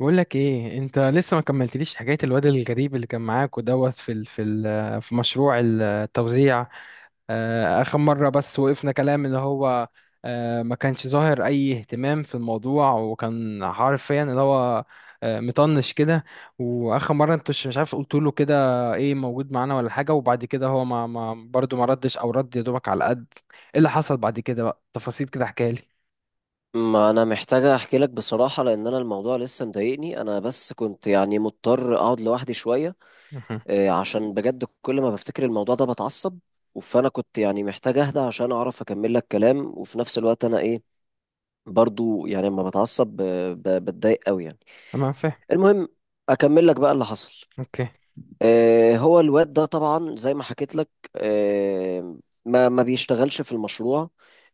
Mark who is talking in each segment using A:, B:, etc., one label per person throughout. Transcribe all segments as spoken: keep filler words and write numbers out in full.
A: بقول لك ايه؟ انت لسه ما كملتليش حكايه الواد الغريب اللي كان معاك ودوت في ال في ال في مشروع التوزيع. آه، اخر مره بس وقفنا كلام اللي هو آه، ما كانش ظاهر اي اهتمام في الموضوع، وكان حرفيا اللي هو آه، مطنش كده. واخر مره انت مش مش عارف قلت له كده ايه، موجود معانا ولا حاجه؟ وبعد كده هو ما ما برضه ما ردش، او رد يا دوبك على قد ايه اللي حصل بعد كده. بقى تفاصيل كده احكيها لي.
B: ما انا محتاجة احكي لك بصراحة، لان انا الموضوع لسه مضايقني. انا بس كنت يعني مضطر اقعد لوحدي شوية.
A: مهم.
B: آه، عشان بجد كل ما بفتكر الموضوع ده بتعصب. فانا كنت يعني محتاج اهدى عشان اعرف اكمل لك كلام، وفي نفس الوقت انا ايه برضو يعني لما بتعصب آه، ب- بتضايق قوي يعني.
A: انا فاهم.
B: المهم، اكمل لك بقى اللي حصل.
A: اوكي.
B: آه، هو الواد ده طبعا زي ما حكيت لك، آه، ما ما بيشتغلش في المشروع.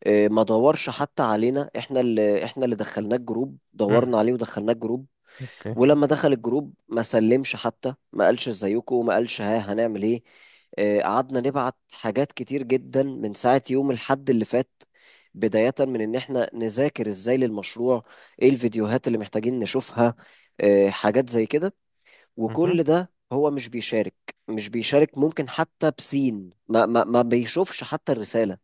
B: آه، ما دورش حتى علينا، احنا اللي احنا اللي دخلناه الجروب،
A: مم.
B: دورنا عليه ودخلناه الجروب.
A: اوكي.
B: ولما دخل الجروب ما سلمش، حتى ما قالش ازيكم، ما قالش ها هنعمل ايه. آه، قعدنا نبعت حاجات كتير جدا من ساعة يوم الحد اللي فات، بداية من ان احنا نذاكر ازاي للمشروع، ايه الفيديوهات اللي محتاجين نشوفها، آه، حاجات زي كده،
A: مهم.
B: وكل ده هو مش بيشارك. مش بيشارك، ممكن حتى بسين ما ما ما بيشوفش حتى الرسالة.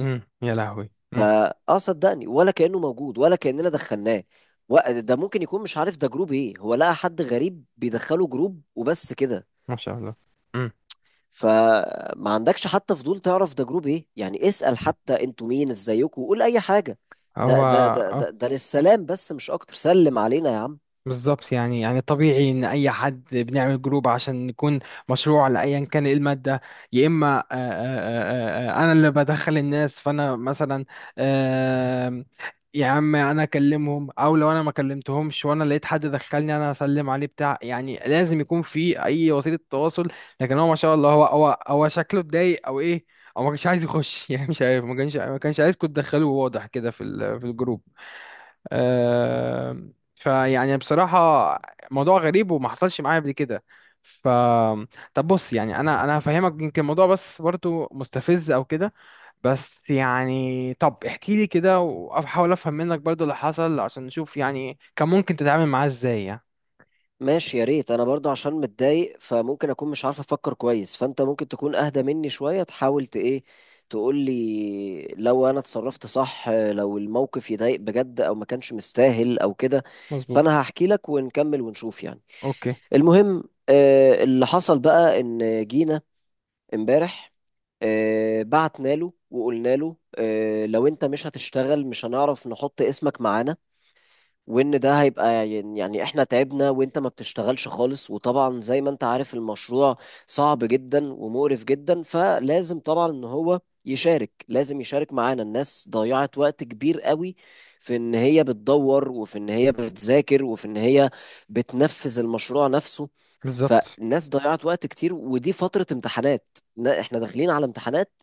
A: امم يا لهوي. امم
B: فاه صدقني ولا كأنه موجود ولا كأننا دخلناه. و- ده ممكن يكون مش عارف ده جروب ايه، هو لقى حد غريب بيدخله جروب وبس كده.
A: ما شاء الله. امم
B: فما عندكش حتى فضول تعرف ده جروب ايه؟ يعني اسأل حتى انتوا مين، ازيكم، وقول اي حاجة.
A: هو
B: ده ده ده ده,
A: آه،
B: ده للسلام بس، مش اكتر، سلم علينا يا عم.
A: بالظبط. يعني يعني طبيعي ان اي حد بنعمل جروب عشان نكون مشروع لايا كان إيه الماده، يا اما آه، آه، آه، آه، آه، انا اللي بدخل الناس. فانا مثلا آه، يا عم انا اكلمهم، او لو انا ما كلمتهمش وانا لقيت حد دخلني انا هسلم عليه بتاع، يعني لازم يكون في اي وسيله تواصل. لكن هو ما شاء الله، هو هو هو شكله اتضايق او ايه، او ما كانش عايز يخش يعني مش عارف، ما كانش ما كانش عايزكم تدخلوه، واضح كده في ال- في الجروب. آم، فيعني بصراحة موضوع غريب وما حصلش معايا قبل كده. ف طب بص، يعني انا انا هفهمك يمكن الموضوع، بس برضو مستفز او كده. بس يعني طب احكي لي كده واحاول افهم منك برضو اللي حصل، عشان نشوف يعني كان ممكن تتعامل معاه ازاي يعني.
B: ماشي، يا ريت انا برضو عشان متضايق فممكن اكون مش عارف افكر كويس، فانت ممكن تكون اهدى مني شوية، تحاول ت ايه، تقول لي لو انا اتصرفت صح، لو الموقف يضايق بجد او ما كانش مستاهل او كده.
A: مظبوط.
B: فانا هحكي لك ونكمل ونشوف يعني.
A: اوكي.
B: المهم، آه، اللي حصل بقى ان جينا امبارح، آه، بعتنا له وقلنا له آه، لو انت مش هتشتغل مش هنعرف نحط اسمك معانا، وان ده هيبقى يعني يعني احنا تعبنا وانت ما بتشتغلش خالص. وطبعا زي ما انت عارف المشروع صعب جدا ومقرف جدا، فلازم طبعا ان هو يشارك، لازم يشارك معانا. الناس ضيعت وقت كبير قوي في ان هي بتدور، وفي ان هي بتذاكر، وفي ان هي بتنفذ المشروع نفسه.
A: بالظبط.
B: فالناس ضيعت وقت كتير، ودي فترة امتحانات، ن- احنا داخلين على امتحانات،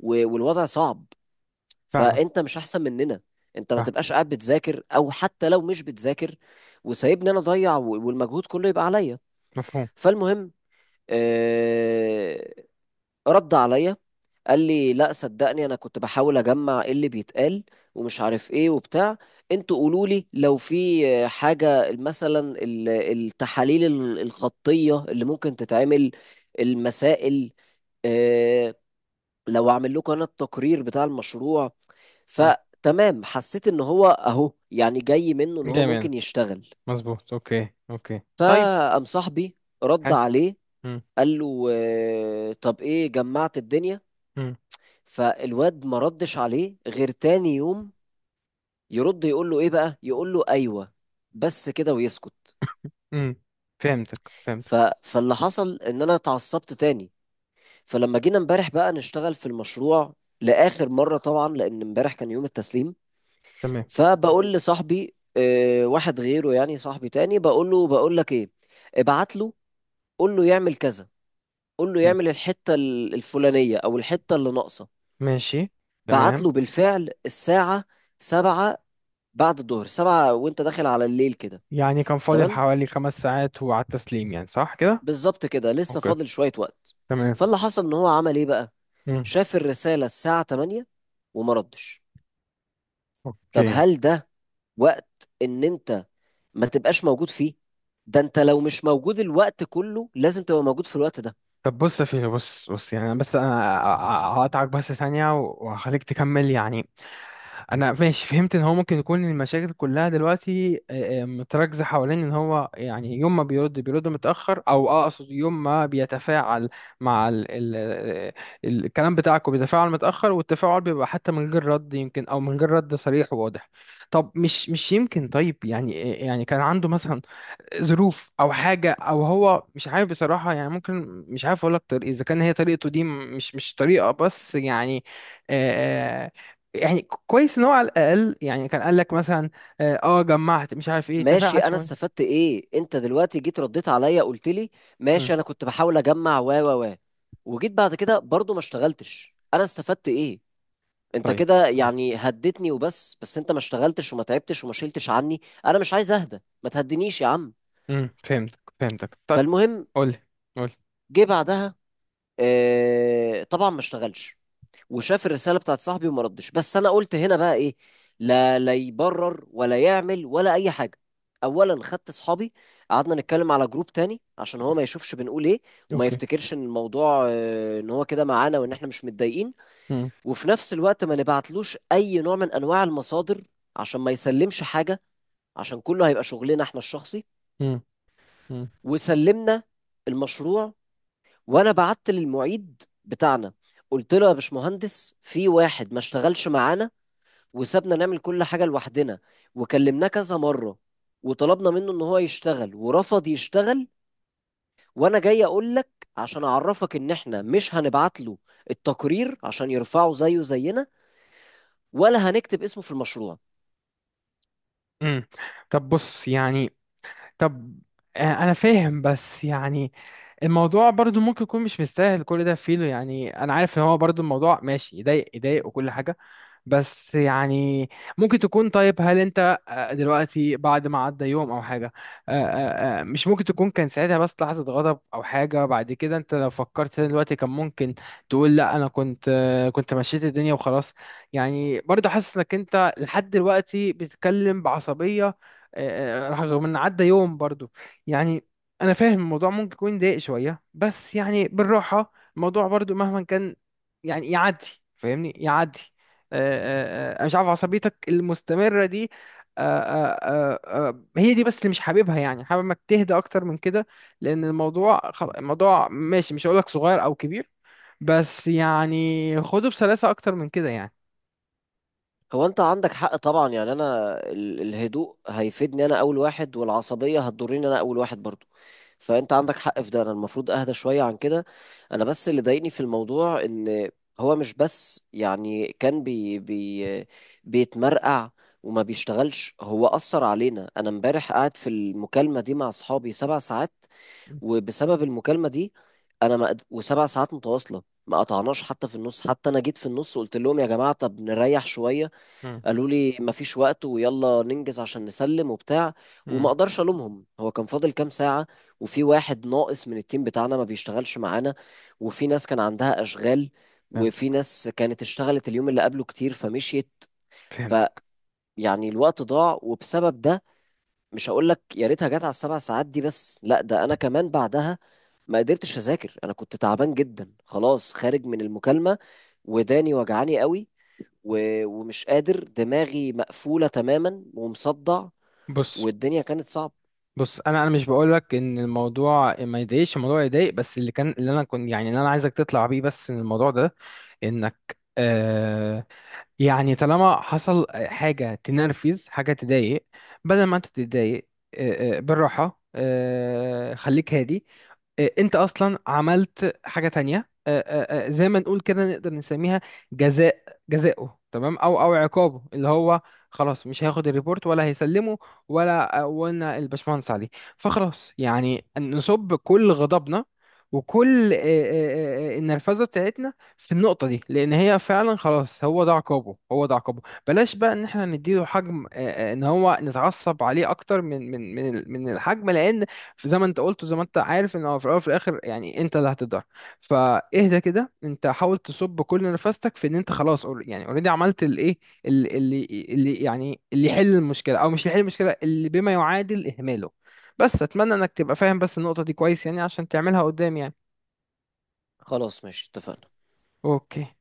B: و- والوضع صعب.
A: فاهمك.
B: فانت مش احسن مننا، انت ما
A: فاهم.
B: تبقاش قاعد بتذاكر، او حتى لو مش بتذاكر وسايبني انا اضيع، و- والمجهود كله يبقى عليا.
A: مفهوم.
B: فالمهم، آه، رد عليا، قال لي لا صدقني انا كنت بحاول اجمع ايه اللي بيتقال ومش عارف ايه وبتاع، انتوا قولوا لي لو في آه، حاجة مثلا ال- التحاليل ال- الخطية اللي ممكن تتعمل، المسائل، آه، لو اعمل لكم انا التقرير بتاع المشروع.
A: مم.
B: فتمام، حسيت ان هو اهو يعني جاي منه ان هو
A: جميل.
B: ممكن يشتغل.
A: مظبوط. اوكي اوكي طيب.
B: فقام صاحبي رد
A: حلو.
B: عليه،
A: مم.
B: قال له آه، طب ايه جمعت الدنيا؟
A: مم.
B: فالواد ما ردش عليه غير تاني يوم، يرد يقول له ايه بقى، يقول له ايوه بس كده ويسكت.
A: مم. فهمتك
B: ف...
A: فهمتك.
B: فاللي حصل ان انا اتعصبت تاني. فلما جينا امبارح بقى نشتغل في المشروع لاخر مره، طبعا لان امبارح كان يوم التسليم،
A: تمام.
B: فبقول لصاحبي، آه، واحد غيره، يعني صاحبي تاني، بقول له، بقول لك ايه، ابعت له، قول له يعمل كذا، قول له
A: مم.
B: يعمل الحتة ال- الفلانية او الحتة اللي ناقصة.
A: ماشي.
B: بعت
A: تمام.
B: له بالفعل الساعة سبعة بعد الظهر، سبعة وانت داخل على الليل كده.
A: يعني كان فاضل
B: تمام،
A: حوالي خمس ساعات وعلى التسليم، يعني صح كده؟
B: بالظبط كده، لسه
A: اوكي.
B: فاضل شوية وقت.
A: تمام.
B: فاللي حصل ان هو عمل ايه بقى،
A: مم.
B: شاف الرسالة الساعة تمانية وما ردش. طب
A: اوكي.
B: هل ده وقت ان انت ما تبقاش موجود فيه؟ ده انت لو مش موجود الوقت كله لازم تبقى موجود في الوقت ده.
A: طب بص يا فيلو، بص بص، يعني أنا بس انا هقطعك بس ثانية وهخليك تكمل يعني. انا ماشي فهمت ان هو ممكن يكون المشاكل كلها دلوقتي آه، آه، متركزه حوالين ان هو يعني يوم ما بيرد بيرد متاخر، او آه، اقصد يوم ما بيتفاعل مع ال ال ال الكلام بتاعكم بيتفاعل متاخر، والتفاعل بيبقى حتى من غير رد يمكن، او من غير رد صريح وواضح. طب مش مش يمكن، طيب، يعني يعني كان عنده مثلا ظروف او حاجه، او هو مش عارف بصراحه يعني، ممكن مش عارف اقول لك طريق اذا كان هي طريقته دي، م- مش مش طريقه بس يعني آه يعني. كويس ان هو على الاقل يعني كان قال لك مثلا اه آه، جمعت مش عارف ايه،
B: ماشي،
A: تفاعل
B: انا
A: شويه.
B: استفدت ايه انت دلوقتي جيت رديت عليا قلت لي
A: مم.
B: ماشي انا كنت بحاول اجمع و و و وجيت بعد كده برضو ما اشتغلتش؟ انا استفدت ايه؟ انت
A: طيب.
B: كده
A: مم.
B: يعني هدتني وبس، بس انت ما اشتغلتش وما تعبتش وما شلتش عني. انا مش عايز اهدى، ما تهدنيش يا عم.
A: مم. فهمتك فهمتك. طب
B: فالمهم،
A: قول لي، قول لي.
B: جه بعدها، اه طبعا ما اشتغلش، وشاف الرساله بتاعت صاحبي وما ردش. بس انا قلت هنا بقى ايه، لا لا يبرر ولا يعمل ولا اي حاجه. اولا، خدت اصحابي قعدنا نتكلم على جروب تاني عشان هو ما يشوفش بنقول ايه، وما
A: اوكي.
B: يفتكرش ان الموضوع آه، ان هو كده معانا وان احنا مش متضايقين.
A: مم.
B: وفي نفس الوقت ما نبعتلوش اي نوع من انواع المصادر عشان ما يسلمش حاجه، عشان كله هيبقى شغلنا احنا الشخصي.
A: مم. مم.
B: وسلمنا المشروع، وانا بعت للمعيد بتاعنا قلت له يا باشمهندس في واحد ما اشتغلش معانا، وسابنا نعمل كل حاجة لوحدنا، وكلمناه كذا مرة وطلبنا منه ان هو يشتغل ورفض يشتغل. وانا جاي اقول لك عشان اعرفك ان احنا مش هنبعت له التقرير عشان يرفعه زيه زينا، ولا هنكتب اسمه في المشروع.
A: مم. طب بص يعني، طب آه، انا فاهم بس يعني الموضوع برضو ممكن يكون مش مستاهل كل ده فينه، يعني انا عارف ان هو برضو الموضوع ماشي يضايق يضايق وكل حاجة، بس يعني ممكن تكون طيب، هل انت آه، دلوقتي بعد ما عدى يوم او حاجة آه، آه، آه، مش ممكن تكون كان ساعتها بس لحظة غضب او حاجة، بعد كده انت لو فكرت تاني دلوقتي كان ممكن تقول لا، انا كنت آه، كنت مشيت الدنيا وخلاص. يعني برضه حاسس انك انت لحد دلوقتي بتتكلم بعصبية، آه، آه، رغم ان عدى يوم برضه، يعني. انا فاهم الموضوع ممكن يكون ضايق شوية، بس يعني بالراحة الموضوع برضه مهما كان يعني يعدي. فاهمني، يعدي. آه، آه، آه، مش عارف عصبيتك المستمرة دي. آه، آه، آه، آه، هي دي بس اللي مش حاببها، يعني حابب انك تهدى اكتر من كده. لان الموضوع خل- الموضوع ماشي، مش هقولك صغير او كبير، بس يعني خده بسلاسة اكتر من كده يعني.
B: هو انت عندك حق طبعا، يعني انا ال- الهدوء هيفيدني انا اول واحد، والعصبية هتضرني انا اول واحد برضو. فانت عندك حق في ده، انا المفروض اهدى شوية عن كده. انا بس اللي ضايقني في الموضوع ان هو مش بس يعني كان بي بي بيتمرقع وما بيشتغلش، هو أثر علينا. انا امبارح قاعد في المكالمة دي مع اصحابي سبع ساعات، وبسبب المكالمة دي انا ما قد- وسبع ساعات متواصلة ما قطعناش حتى في النص. حتى انا جيت في النص قلت لهم يا جماعة طب نريح شوية،
A: مم.
B: قالوا لي مفيش وقت ويلا ننجز عشان نسلم وبتاع. وما
A: مم.
B: اقدرش الومهم، هو كان فاضل كام ساعة، وفي واحد ناقص من التيم بتاعنا ما بيشتغلش معانا، وفي ناس كان عندها اشغال، وفي
A: فهمتك
B: ناس كانت اشتغلت اليوم اللي قبله كتير فمشيت.
A: فهمتك.
B: فيعني الوقت ضاع، وبسبب ده مش هقول لك يا ريتها جت على السبع ساعات دي بس، لا ده انا كمان بعدها ما قدرتش اذاكر، انا كنت تعبان جدا خلاص، خارج من المكالمة وداني وجعاني قوي، و- ومش قادر، دماغي مقفولة تماما ومصدع،
A: بص
B: والدنيا كانت صعبة.
A: بص، انا انا مش بقولك ان الموضوع ما يضايقش، الموضوع يضايق. بس اللي كان اللي انا كنت يعني اللي انا عايزك تطلع بيه بس من الموضوع ده انك آه، يعني طالما حصل حاجة تنرفز حاجة تضايق، بدل ما انت تتضايق آه، آه، بالراحة آه، خليك هادي. آه، انت اصلا عملت حاجه تانية آه، آه، آه، زي ما نقول كده نقدر نسميها جزاء، جزاؤه تمام، او او عقابه اللي هو خلاص مش هياخد الريبورت ولا هيسلمه، ولا آه، ولا الباشمهندس عليه. فخلاص يعني نصب كل غضبنا وكل آه، آه، آه، آه، النرفزه بتاعتنا في النقطه دي، لان هي فعلا خلاص هو ده عقابه، هو ده عقابه. بلاش بقى ان احنا نديله حجم آه، آه، ان هو نتعصب عليه اكتر من من من من الحجم، لان زي ما انت قلت وزي ما انت عارف ان هو في الاول وفي الاخر يعني انت اللي هتتضرر. فاهدى كده، انت حاول تصب كل نفستك في ان انت خلاص أور- يعني اوريدي عملت الايه، ال- اللي اللي يعني اللي يحل المشكله، او مش اللي يحل المشكله، اللي بما يعادل اهماله. بس اتمنى انك تبقى فاهم بس النقطه دي كويس يعني، عشان تعملها قدام يعني.
B: خلاص ماشي اتفقنا.
A: اوكي.